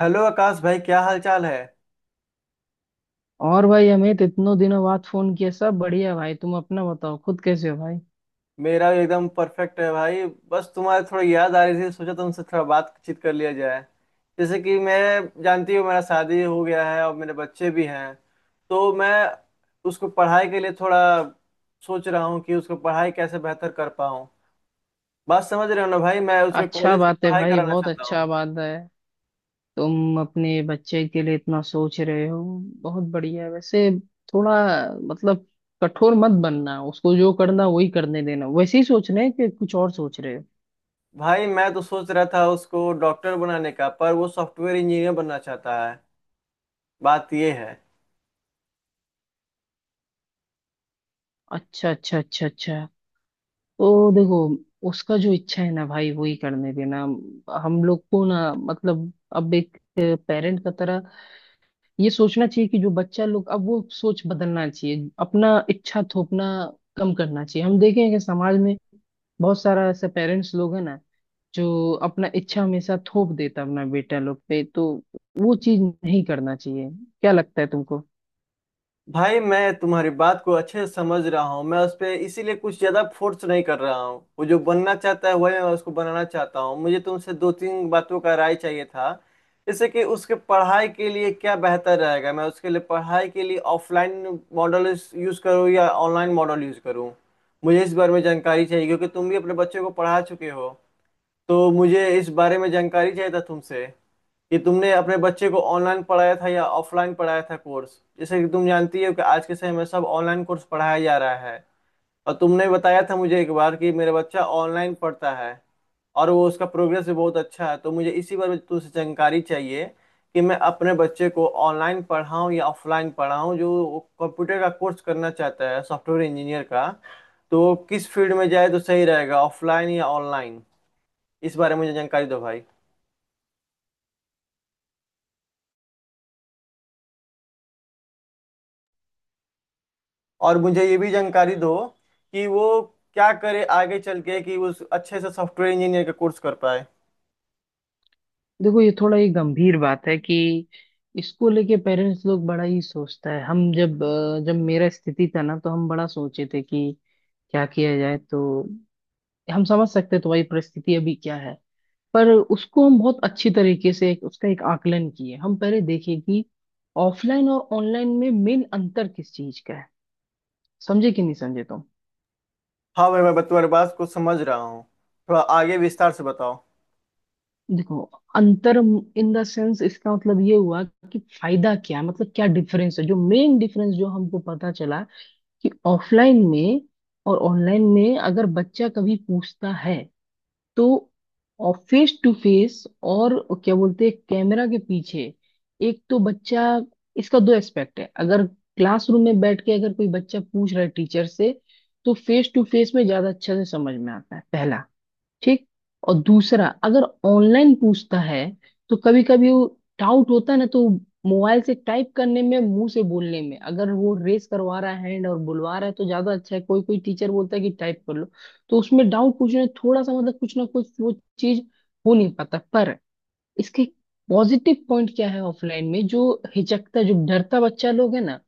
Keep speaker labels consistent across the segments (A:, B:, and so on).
A: Hello Akash भाई, क्या हाल चाल है।
B: और भाई अमित, इतनों दिनों बाद फोन किया। सब बढ़िया भाई। तुम अपना बताओ, खुद कैसे हो भाई?
A: मेरा भी एकदम परफेक्ट है भाई। बस तुम्हारे थोड़ी याद आ रही थी, सोचा तुमसे थोड़ा बातचीत कर लिया जाए। जैसे कि मैं जानती हूँ मेरा शादी हो गया है और मेरे बच्चे भी हैं। तो मैं उसको पढ़ाई के लिए थोड़ा सोच रहा हूँ कि उसको पढ़ाई कैसे बेहतर कर पाऊँ। बात समझ रहे हो ना भाई, मैं उसके
B: अच्छा
A: कॉलेज की
B: बात है
A: पढ़ाई
B: भाई,
A: कराना
B: बहुत
A: चाहता
B: अच्छा
A: हूँ।
B: बात है। तुम अपने बच्चे के लिए इतना सोच रहे हो, बहुत बढ़िया है। वैसे थोड़ा, मतलब, कठोर मत बनना। उसको जो करना वही करने देना। वैसे ही सोच रहे हैं कि कुछ और सोच रहे हो?
A: भाई मैं तो सोच रहा था उसको डॉक्टर बनाने का, पर वो सॉफ्टवेयर इंजीनियर बनना चाहता है। बात ये है।
B: अच्छा, अच्छा, अच्छा, अच्छा। तो देखो, उसका जो इच्छा है ना भाई, वही करने देना। हम लोग को ना, मतलब, अब एक पेरेंट का तरह ये सोचना चाहिए कि जो बच्चा लोग, अब वो सोच बदलना चाहिए। अपना इच्छा थोपना कम करना चाहिए। हम देखें कि समाज में बहुत सारा ऐसा पेरेंट्स लोग है ना, जो अपना इच्छा हमेशा थोप देता है अपना बेटा लोग पे। तो वो चीज नहीं करना चाहिए। क्या लगता है तुमको?
A: भाई मैं तुम्हारी बात को अच्छे से समझ रहा हूँ, मैं उस पर इसीलिए कुछ ज्यादा फोर्स नहीं कर रहा हूँ। वो जो बनना चाहता है वही मैं उसको बनाना चाहता हूँ। मुझे तुमसे दो तीन बातों का राय चाहिए था। जैसे कि उसके पढ़ाई के लिए क्या बेहतर रहेगा, मैं उसके लिए पढ़ाई के लिए ऑफलाइन मॉडल यूज करूँ या ऑनलाइन मॉडल यूज करूँ। मुझे इस बारे में जानकारी चाहिए क्योंकि तुम भी अपने बच्चे को पढ़ा चुके हो। तो मुझे इस बारे में जानकारी चाहिए था तुमसे, कि तुमने अपने बच्चे को ऑनलाइन पढ़ाया था या ऑफलाइन पढ़ाया था कोर्स। जैसे कि तुम जानती हो कि आज के समय में सब ऑनलाइन कोर्स पढ़ाया जा रहा है। और तुमने बताया था मुझे एक बार कि मेरा बच्चा ऑनलाइन पढ़ता है और वो उसका प्रोग्रेस भी बहुत अच्छा है। तो मुझे इसी बारे में तुमसे जानकारी चाहिए कि मैं अपने बच्चे को ऑनलाइन पढ़ाऊँ या ऑफलाइन पढ़ाऊँ, जो कंप्यूटर का कोर्स करना चाहता है सॉफ्टवेयर इंजीनियर का। तो किस फील्ड में जाए तो सही रहेगा, ऑफलाइन या ऑनलाइन। इस बारे में मुझे जानकारी दो भाई। और मुझे ये भी जानकारी दो कि वो क्या करे आगे चल के कि उस अच्छे से सॉफ्टवेयर इंजीनियर का कोर्स कर पाए।
B: देखो, ये थोड़ा ये गंभीर बात है कि इसको लेके पेरेंट्स लोग बड़ा ही सोचता है। हम जब जब मेरा स्थिति था ना, तो हम बड़ा सोचे थे कि क्या किया जाए, तो हम समझ सकते हैं तुम्हारी परिस्थिति अभी क्या है। पर उसको हम बहुत अच्छी तरीके से उसका एक आकलन किए, हम पहले देखे कि ऑफलाइन और ऑनलाइन में मेन अंतर किस चीज का है। समझे कि नहीं समझे तुम?
A: हाँ भाई, मैं तुम्हारी बात को समझ रहा हूँ। थोड़ा आगे विस्तार से बताओ।
B: देखो, अंतर इन द सेंस, इसका मतलब ये हुआ कि फायदा क्या है, मतलब क्या डिफरेंस है, जो मेन डिफरेंस जो हमको पता चला कि ऑफलाइन में और ऑनलाइन में अगर बच्चा कभी पूछता है, तो, और फेस टू फेस और क्या बोलते हैं, कैमरा के पीछे। एक तो बच्चा, इसका दो एस्पेक्ट है। अगर क्लासरूम में बैठ के अगर कोई बच्चा पूछ रहा है टीचर से, तो फेस टू फेस में ज्यादा अच्छे से समझ में आता है, पहला। ठीक। और दूसरा, अगर ऑनलाइन पूछता है तो कभी कभी वो डाउट होता है ना, तो मोबाइल से टाइप करने में, मुंह से बोलने में, अगर वो रेस करवा रहा है हैंड और बुलवा रहा है तो ज्यादा अच्छा है। कोई कोई टीचर बोलता है कि टाइप कर लो, तो उसमें डाउट पूछने में थोड़ा सा, मतलब, कुछ ना कुछ वो चीज हो नहीं पाता। पर इसके पॉजिटिव पॉइंट क्या है, ऑफलाइन में जो हिचकता, जो डरता बच्चा लोग है ना,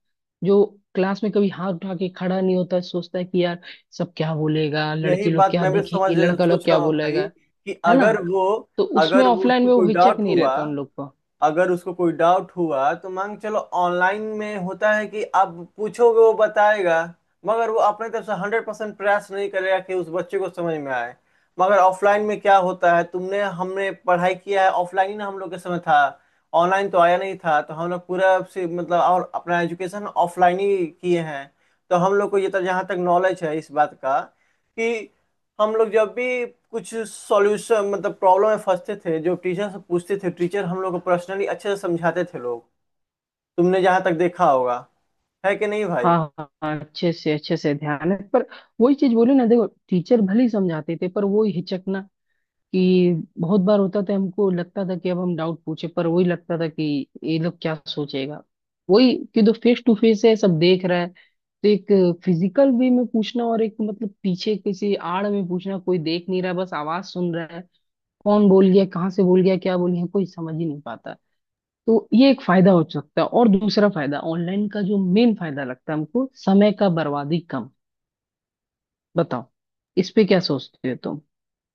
B: जो क्लास में कभी हाथ उठा के खड़ा नहीं होता, सोचता है कि यार, सब क्या बोलेगा,
A: यही
B: लड़की लोग
A: बात
B: क्या
A: मैं भी समझ
B: देखेंगी, लड़का लोग
A: सोच
B: क्या
A: रहा हूँ भाई।
B: बोलेगा।
A: कि
B: है ना,
A: अगर वो
B: तो उसमें
A: अगर वो
B: ऑफलाइन
A: उसको
B: में वो
A: कोई
B: हिचक
A: डाउट
B: नहीं
A: हुआ,
B: रहता उन लोग को।
A: अगर उसको कोई डाउट हुआ तो मान के चलो ऑनलाइन में होता है कि आप पूछोगे वो बताएगा, मगर वो अपने तरफ से 100% प्रयास नहीं करेगा कि उस बच्चे को समझ में आए। मगर ऑफलाइन में क्या होता है, तुमने हमने पढ़ाई किया है ऑफलाइन ही ना, हम लोग के समय था। ऑनलाइन तो आया नहीं था, तो हम लोग पूरा से मतलब और अपना एजुकेशन ऑफलाइन ही किए हैं। तो हम लोग को ये तक जहाँ तक नॉलेज है इस बात का, कि हम लोग जब भी कुछ सॉल्यूशन मतलब प्रॉब्लम में फंसते थे, जो टीचर से पूछते थे, टीचर हम लोग को पर्सनली अच्छे से समझाते थे लोग। तुमने जहाँ तक देखा होगा, है कि नहीं भाई।
B: हाँ हाँ हाँ, अच्छे से ध्यान है। पर वही चीज बोले ना, देखो टीचर भले ही समझाते थे, पर वो हिचकना कि बहुत बार होता था, हमको लगता था कि अब हम डाउट पूछे, पर वही लगता था कि ये लोग क्या सोचेगा। वही कि तो फेस टू फेस है, सब देख रहा है। तो एक फिजिकल वे में पूछना, और एक, मतलब, पीछे किसी आड़ में पूछना, कोई देख नहीं रहा, बस आवाज सुन रहा है। कौन बोल गया, कहाँ से बोल गया, क्या बोल गया, कोई समझ ही नहीं पाता। तो ये एक फायदा हो सकता है। और दूसरा फायदा ऑनलाइन का, जो मेन फायदा लगता है हमको, समय का बर्बादी कम। बताओ, इस पे क्या सोचते हो तुम?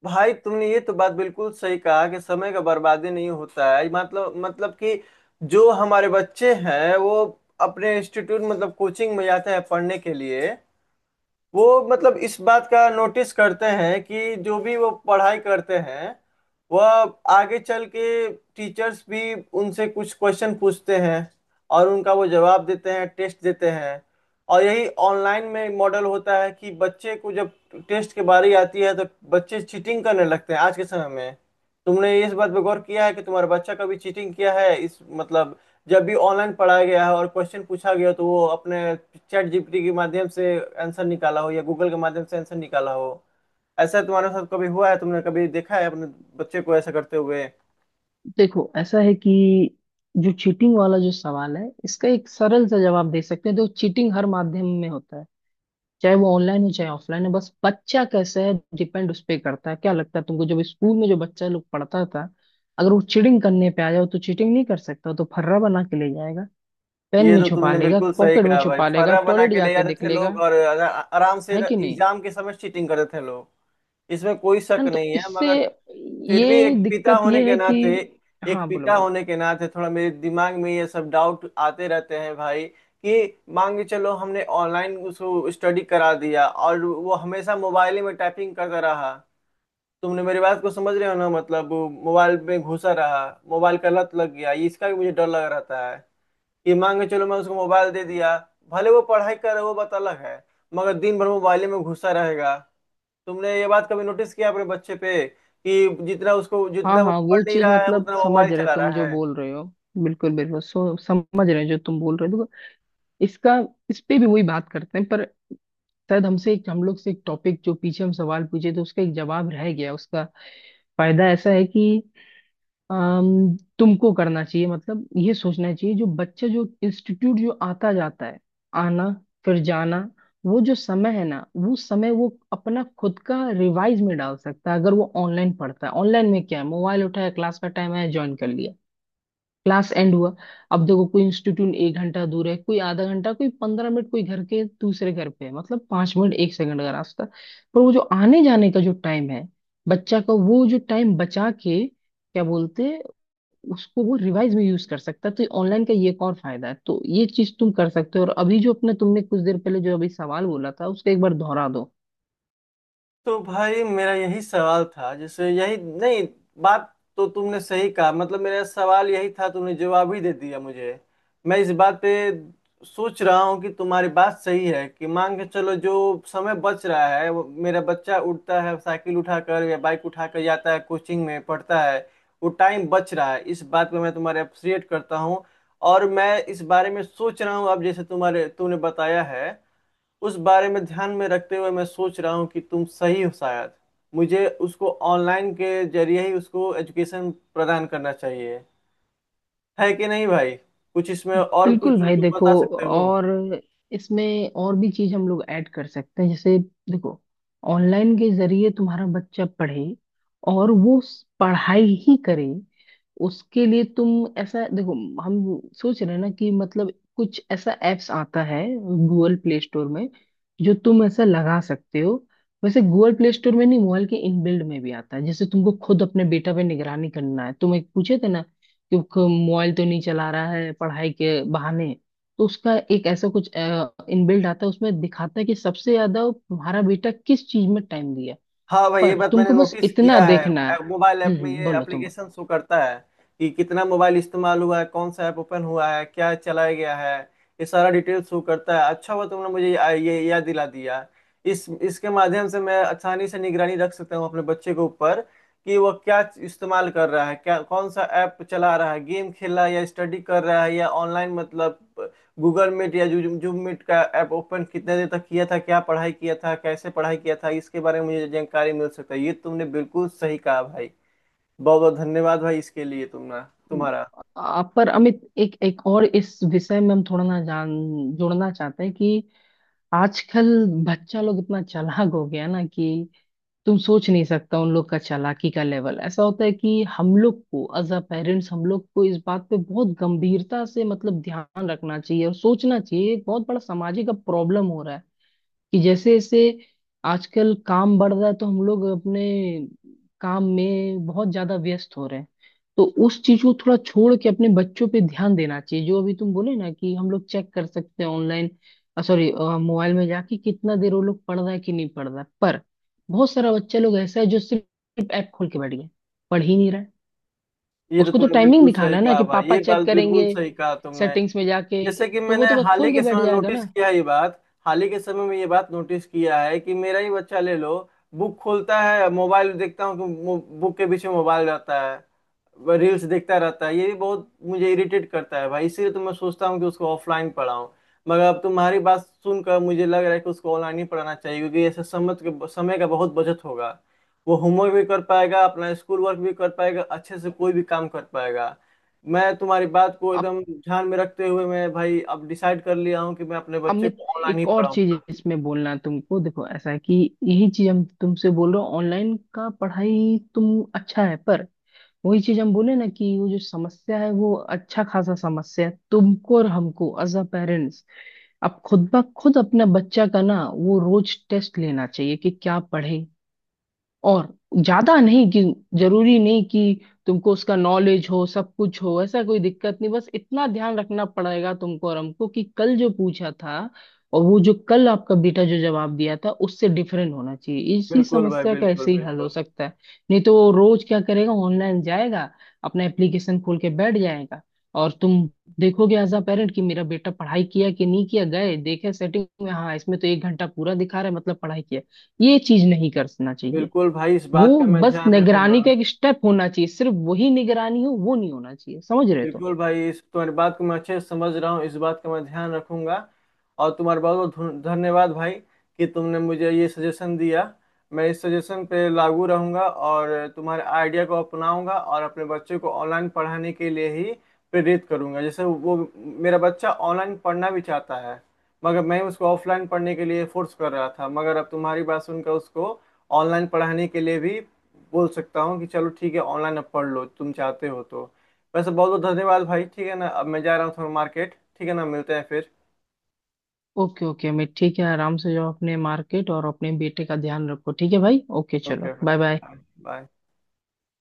A: भाई तुमने ये तो बात बिल्कुल सही कहा कि समय का बर्बादी नहीं होता है। मतलब कि जो हमारे बच्चे हैं वो अपने इंस्टीट्यूट मतलब कोचिंग में जाते हैं पढ़ने के लिए। वो मतलब इस बात का नोटिस करते हैं कि जो भी वो पढ़ाई करते हैं वह आगे चल के, टीचर्स भी उनसे कुछ क्वेश्चन पूछते हैं और उनका वो जवाब देते हैं, टेस्ट देते हैं। और यही ऑनलाइन में मॉडल होता है कि बच्चे को जब टेस्ट के बारी आती है तो बच्चे चीटिंग करने लगते हैं आज के समय में। तुमने इस बात पे गौर किया है कि तुम्हारा बच्चा कभी चीटिंग किया है इस मतलब, जब भी ऑनलाइन पढ़ाया गया है और क्वेश्चन पूछा गया तो वो अपने चैट जीपीटी के माध्यम से आंसर निकाला हो, या गूगल के माध्यम से आंसर निकाला हो। ऐसा तुम्हारे साथ कभी हुआ है, तुमने कभी देखा है अपने बच्चे को ऐसा करते हुए।
B: देखो, ऐसा है कि जो चीटिंग वाला जो सवाल है, इसका एक सरल सा जवाब दे सकते हैं। तो चीटिंग हर माध्यम में होता है, चाहे वो ऑनलाइन हो चाहे ऑफलाइन हो। बस बच्चा कैसा है, डिपेंड उस पे करता है। क्या लगता है तुमको, जब स्कूल में जो बच्चा लोग पढ़ता था, अगर वो चीटिंग करने पे आ जाओ तो चीटिंग नहीं कर सकता? वो तो फर्रा बना के ले जाएगा, पेन
A: ये
B: में
A: तो
B: छुपा
A: तुमने
B: लेगा,
A: बिल्कुल सही
B: पॉकेट में
A: कहा भाई,
B: छुपा लेगा,
A: फर्रा बना
B: टॉयलेट
A: के ले
B: जाके
A: जाते
B: देख
A: थे
B: लेगा।
A: लोग और आराम से
B: है कि नहीं?
A: एग्जाम के समय चीटिंग करते थे लोग। इसमें कोई
B: है
A: शक
B: ना, तो
A: नहीं है।
B: इससे
A: मगर फिर भी
B: ये
A: एक पिता
B: दिक्कत
A: होने
B: ये
A: के
B: है कि,
A: नाते, एक
B: हाँ, बोलो
A: पिता
B: बोलो।
A: होने के नाते थोड़ा मेरे दिमाग में ये सब डाउट आते रहते हैं भाई। कि मान के चलो हमने ऑनलाइन उसको स्टडी करा दिया और वो हमेशा मोबाइल ही में टाइपिंग करता रहा। तुमने मेरी बात को समझ रहे हो ना, मतलब वो मोबाइल में घुसा रहा, मोबाइल का लत लग गया, ये इसका भी मुझे डर लग रहता है। कि मान के चलो मैं उसको मोबाइल दे दिया, भले वो पढ़ाई कर रहा है वो बात अलग है, मगर दिन भर मोबाइल में घुसा रहेगा। तुमने ये बात कभी नोटिस किया अपने बच्चे पे कि जितना उसको,
B: हाँ
A: जितना वो
B: हाँ, वो
A: पढ़ नहीं
B: चीज,
A: रहा है
B: मतलब,
A: उतना
B: समझ
A: मोबाइल
B: रहे
A: चला
B: तुम
A: रहा
B: जो
A: है।
B: बोल रहे हो। बिल्कुल बिल्कुल, सो समझ रहे हैं जो तुम बोल रहे हो। देखो, इसका, इस पे भी वही बात करते हैं। पर शायद हमसे एक हम लोग से एक टॉपिक जो पीछे हम सवाल पूछे, तो उसका एक जवाब रह गया। उसका फायदा ऐसा है कि तुमको करना चाहिए, मतलब ये सोचना चाहिए, जो बच्चा जो इंस्टीट्यूट जो आता जाता है, आना फिर जाना, वो जो समय है ना, वो समय वो अपना खुद का रिवाइज में डाल सकता है। अगर वो ऑनलाइन पढ़ता है, ऑनलाइन में क्या है, मोबाइल उठाया, क्लास का टाइम है, ज्वाइन कर लिया, क्लास एंड हुआ। अब देखो, कोई इंस्टीट्यूट 1 घंटा दूर है, कोई आधा घंटा, कोई 15 मिनट, कोई घर के दूसरे घर पे है, मतलब 5 मिनट एक सेकंड का रास्ता। पर वो जो आने जाने का जो टाइम है बच्चा का, वो जो टाइम बचा के क्या बोलते हैं, उसको वो रिवाइज में यूज कर सकता है। तो ऑनलाइन का ये एक और फायदा है। तो ये चीज तुम कर सकते हो। और अभी जो अपने तुमने कुछ देर पहले जो अभी सवाल बोला था, उसको एक बार दोहरा दो।
A: तो भाई मेरा यही सवाल था, जैसे यही नहीं बात, तो तुमने सही कहा, मतलब मेरा सवाल यही था, तुमने जवाब ही दे दिया मुझे। मैं इस बात पे सोच रहा हूँ कि तुम्हारी बात सही है। कि मान के चलो जो समय बच रहा है, वो मेरा बच्चा उठता है साइकिल उठाकर या बाइक उठाकर जाता है कोचिंग में पढ़ता है, वो टाइम बच रहा है, इस बात पे मैं तुम्हारे अप्रिशिएट करता हूँ। और मैं इस बारे में सोच रहा हूँ, अब जैसे तुम्हारे तुमने बताया है, उस बारे में ध्यान में रखते हुए मैं सोच रहा हूँ कि तुम सही हो, शायद मुझे उसको ऑनलाइन के जरिए ही उसको एजुकेशन प्रदान करना चाहिए। है कि नहीं भाई। कुछ इसमें और कुछ
B: बिल्कुल
A: जो
B: भाई,
A: तुम
B: देखो।
A: बता सकते हो।
B: और इसमें और भी चीज हम लोग ऐड कर सकते हैं, जैसे, देखो, ऑनलाइन के जरिए तुम्हारा बच्चा पढ़े, और वो पढ़ाई ही करे। उसके लिए तुम ऐसा देखो, हम सोच रहे हैं ना कि, मतलब, कुछ ऐसा एप्स आता है गूगल प्ले स्टोर में, जो तुम ऐसा लगा सकते हो। वैसे गूगल प्ले स्टोर में नहीं, मोबाइल के इनबिल्ड में भी आता है। जैसे तुमको खुद अपने बेटा पे निगरानी करना है, तुम एक पूछे थे ना, क्योंकि मोबाइल तो नहीं चला रहा है पढ़ाई के बहाने। तो उसका एक ऐसा कुछ इनबिल्ट आता है, उसमें दिखाता है कि सबसे ज्यादा वो तुम्हारा बेटा किस चीज में टाइम दिया।
A: हाँ भाई, ये
B: पर
A: बात मैंने
B: तुमको बस
A: नोटिस
B: इतना
A: किया
B: देखना है।
A: है। मोबाइल ऐप में ये
B: बोलो तुम।
A: एप्लीकेशन शो करता है कि कितना मोबाइल इस्तेमाल हुआ है, कौन सा ऐप ओपन हुआ है, क्या चलाया गया है, ये सारा डिटेल शो करता है। अच्छा हुआ तुमने मुझे ये याद दिला दिया। इस इसके माध्यम से मैं आसानी से निगरानी रख सकता हूँ अपने बच्चे के ऊपर कि वह क्या इस्तेमाल कर रहा है, क्या कौन सा ऐप चला रहा है, गेम खेल रहा है या स्टडी कर रहा है, या ऑनलाइन मतलब गूगल मीट या जूम मीट का ऐप ओपन कितने देर तक किया था, क्या पढ़ाई किया था, कैसे पढ़ाई किया था, इसके बारे में मुझे जानकारी मिल सकता है। ये तुमने बिल्कुल सही कहा भाई। बहुत बहुत धन्यवाद भाई इसके लिए तुमने।
B: बोलो।
A: तुम्हारा।
B: पर अमित, एक एक और इस विषय में हम थोड़ा ना जान जोड़ना चाहते हैं कि आजकल बच्चा लोग इतना चालाक हो गया है ना कि तुम सोच नहीं सकता। उन लोग का चालाकी का लेवल ऐसा होता है कि हम लोग को एज अ पेरेंट्स, हम लोग को इस बात पे बहुत गंभीरता से, मतलब, ध्यान रखना चाहिए और सोचना चाहिए। एक बहुत बड़ा सामाजिक अब प्रॉब्लम हो रहा है कि जैसे जैसे आजकल काम बढ़ रहा है, तो हम लोग अपने काम में बहुत ज्यादा व्यस्त हो रहे हैं। तो उस चीज को थोड़ा छोड़ के अपने बच्चों पे ध्यान देना चाहिए। जो अभी तुम बोले ना कि हम लोग चेक कर सकते हैं ऑनलाइन, सॉरी मोबाइल में जाके, कितना देर वो लोग पढ़ रहा है कि नहीं पढ़ रहा है। पर बहुत सारा बच्चा लोग ऐसा है जो सिर्फ ऐप खोल के बैठ गया, पढ़ ही नहीं रहा है।
A: ये तो
B: उसको तो
A: तुमने
B: टाइमिंग
A: बिल्कुल
B: दिखाना
A: सही
B: है ना
A: कहा
B: कि
A: भाई,
B: पापा
A: ये
B: चेक
A: बात बिल्कुल
B: करेंगे
A: सही कहा तुमने।
B: सेटिंग्स में जाके,
A: जैसे कि
B: तो वो
A: मैंने
B: तो बस
A: हाल ही
B: खोल के
A: के
B: बैठ
A: समय
B: जाएगा
A: नोटिस
B: ना।
A: किया है, ये बात हाल ही के समय में ये बात नोटिस किया है कि मेरा ही बच्चा ले लो। बुक खोलता है, मोबाइल देखता हूँ कि बुक के बीच में मोबाइल रहता है, रील्स देखता रहता है। ये भी बहुत मुझे इरिटेट करता है भाई, इसीलिए तो मैं सोचता हूँ कि उसको ऑफलाइन पढ़ाऊँ। मगर अब तुम्हारी बात सुनकर मुझे लग रहा है कि उसको ऑनलाइन ही पढ़ाना चाहिए, क्योंकि ऐसे समय के समय का बहुत बचत होगा। वो होमवर्क भी कर पाएगा, अपना स्कूल वर्क भी कर पाएगा, अच्छे से कोई भी काम कर पाएगा। मैं तुम्हारी बात को एकदम ध्यान में रखते हुए मैं भाई अब डिसाइड कर लिया हूँ कि मैं अपने
B: अब
A: बच्चे
B: मैं
A: को ऑनलाइन ही
B: एक और चीज
A: पढ़ाऊंगा।
B: इसमें बोलना है तुमको। देखो, ऐसा है कि यही चीज हम तुमसे बोल रहे हो, ऑनलाइन का पढ़ाई तुम अच्छा है। पर वही चीज हम बोले ना, कि वो जो समस्या है वो अच्छा खासा समस्या है। तुमको और हमको एज अ पेरेंट्स अब खुद ब खुद अपना बच्चा का ना, वो रोज टेस्ट लेना चाहिए कि क्या पढ़े। और ज्यादा नहीं कि, जरूरी नहीं कि तुमको उसका नॉलेज हो, सब कुछ हो, ऐसा कोई दिक्कत नहीं। बस इतना ध्यान रखना पड़ेगा तुमको और हमको कि कल जो पूछा था, और वो जो कल आपका बेटा जो जवाब दिया था, उससे डिफरेंट होना चाहिए। इसी
A: बिल्कुल भाई,
B: समस्या का
A: बिल्कुल,
B: ऐसे ही हल हो
A: बिल्कुल।
B: सकता है। नहीं तो वो रोज क्या करेगा, ऑनलाइन जाएगा, अपना एप्लीकेशन खोल के बैठ जाएगा, और तुम देखोगे एज अ पेरेंट कि मेरा बेटा पढ़ाई किया कि नहीं किया, गए देखे सेटिंग में, हाँ इसमें तो 1 घंटा पूरा दिखा रहा है, मतलब पढ़ाई किया। ये चीज नहीं करना चाहिए।
A: बिल्कुल भाई, इस
B: वो
A: बात का मैं
B: बस
A: ध्यान
B: निगरानी
A: रखूंगा।
B: का एक स्टेप होना चाहिए, सिर्फ वही निगरानी हो वो नहीं होना चाहिए। समझ रहे? तो
A: बिल्कुल भाई, इस तुम्हारी बात को मैं अच्छे से समझ रहा हूँ, इस बात का मैं ध्यान रखूंगा। और तुम्हारा बहुत बहुत धन्यवाद भाई, कि तुमने मुझे ये सजेशन दिया। मैं इस सजेशन पे लागू रहूंगा और तुम्हारे आइडिया को अपनाऊंगा और अपने बच्चे को ऑनलाइन पढ़ाने के लिए ही प्रेरित करूंगा। जैसे वो मेरा बच्चा ऑनलाइन पढ़ना भी चाहता है, मगर मैं उसको ऑफलाइन पढ़ने के लिए फोर्स कर रहा था। मगर अब तुम्हारी बात सुनकर उसको ऑनलाइन पढ़ाने के लिए भी बोल सकता हूँ कि चलो ठीक है, ऑनलाइन अब पढ़ लो तुम चाहते हो तो। वैसे बहुत बहुत धन्यवाद भाई, ठीक है ना, अब मैं जा रहा हूँ थोड़ा मार्केट, ठीक है ना, मिलते हैं फिर।
B: ओके ओके, मैं ठीक है। आराम से जाओ अपने मार्केट और अपने बेटे का ध्यान रखो। ठीक है भाई, ओके, चलो,
A: ओके
B: बाय बाय।
A: भाई, बाय।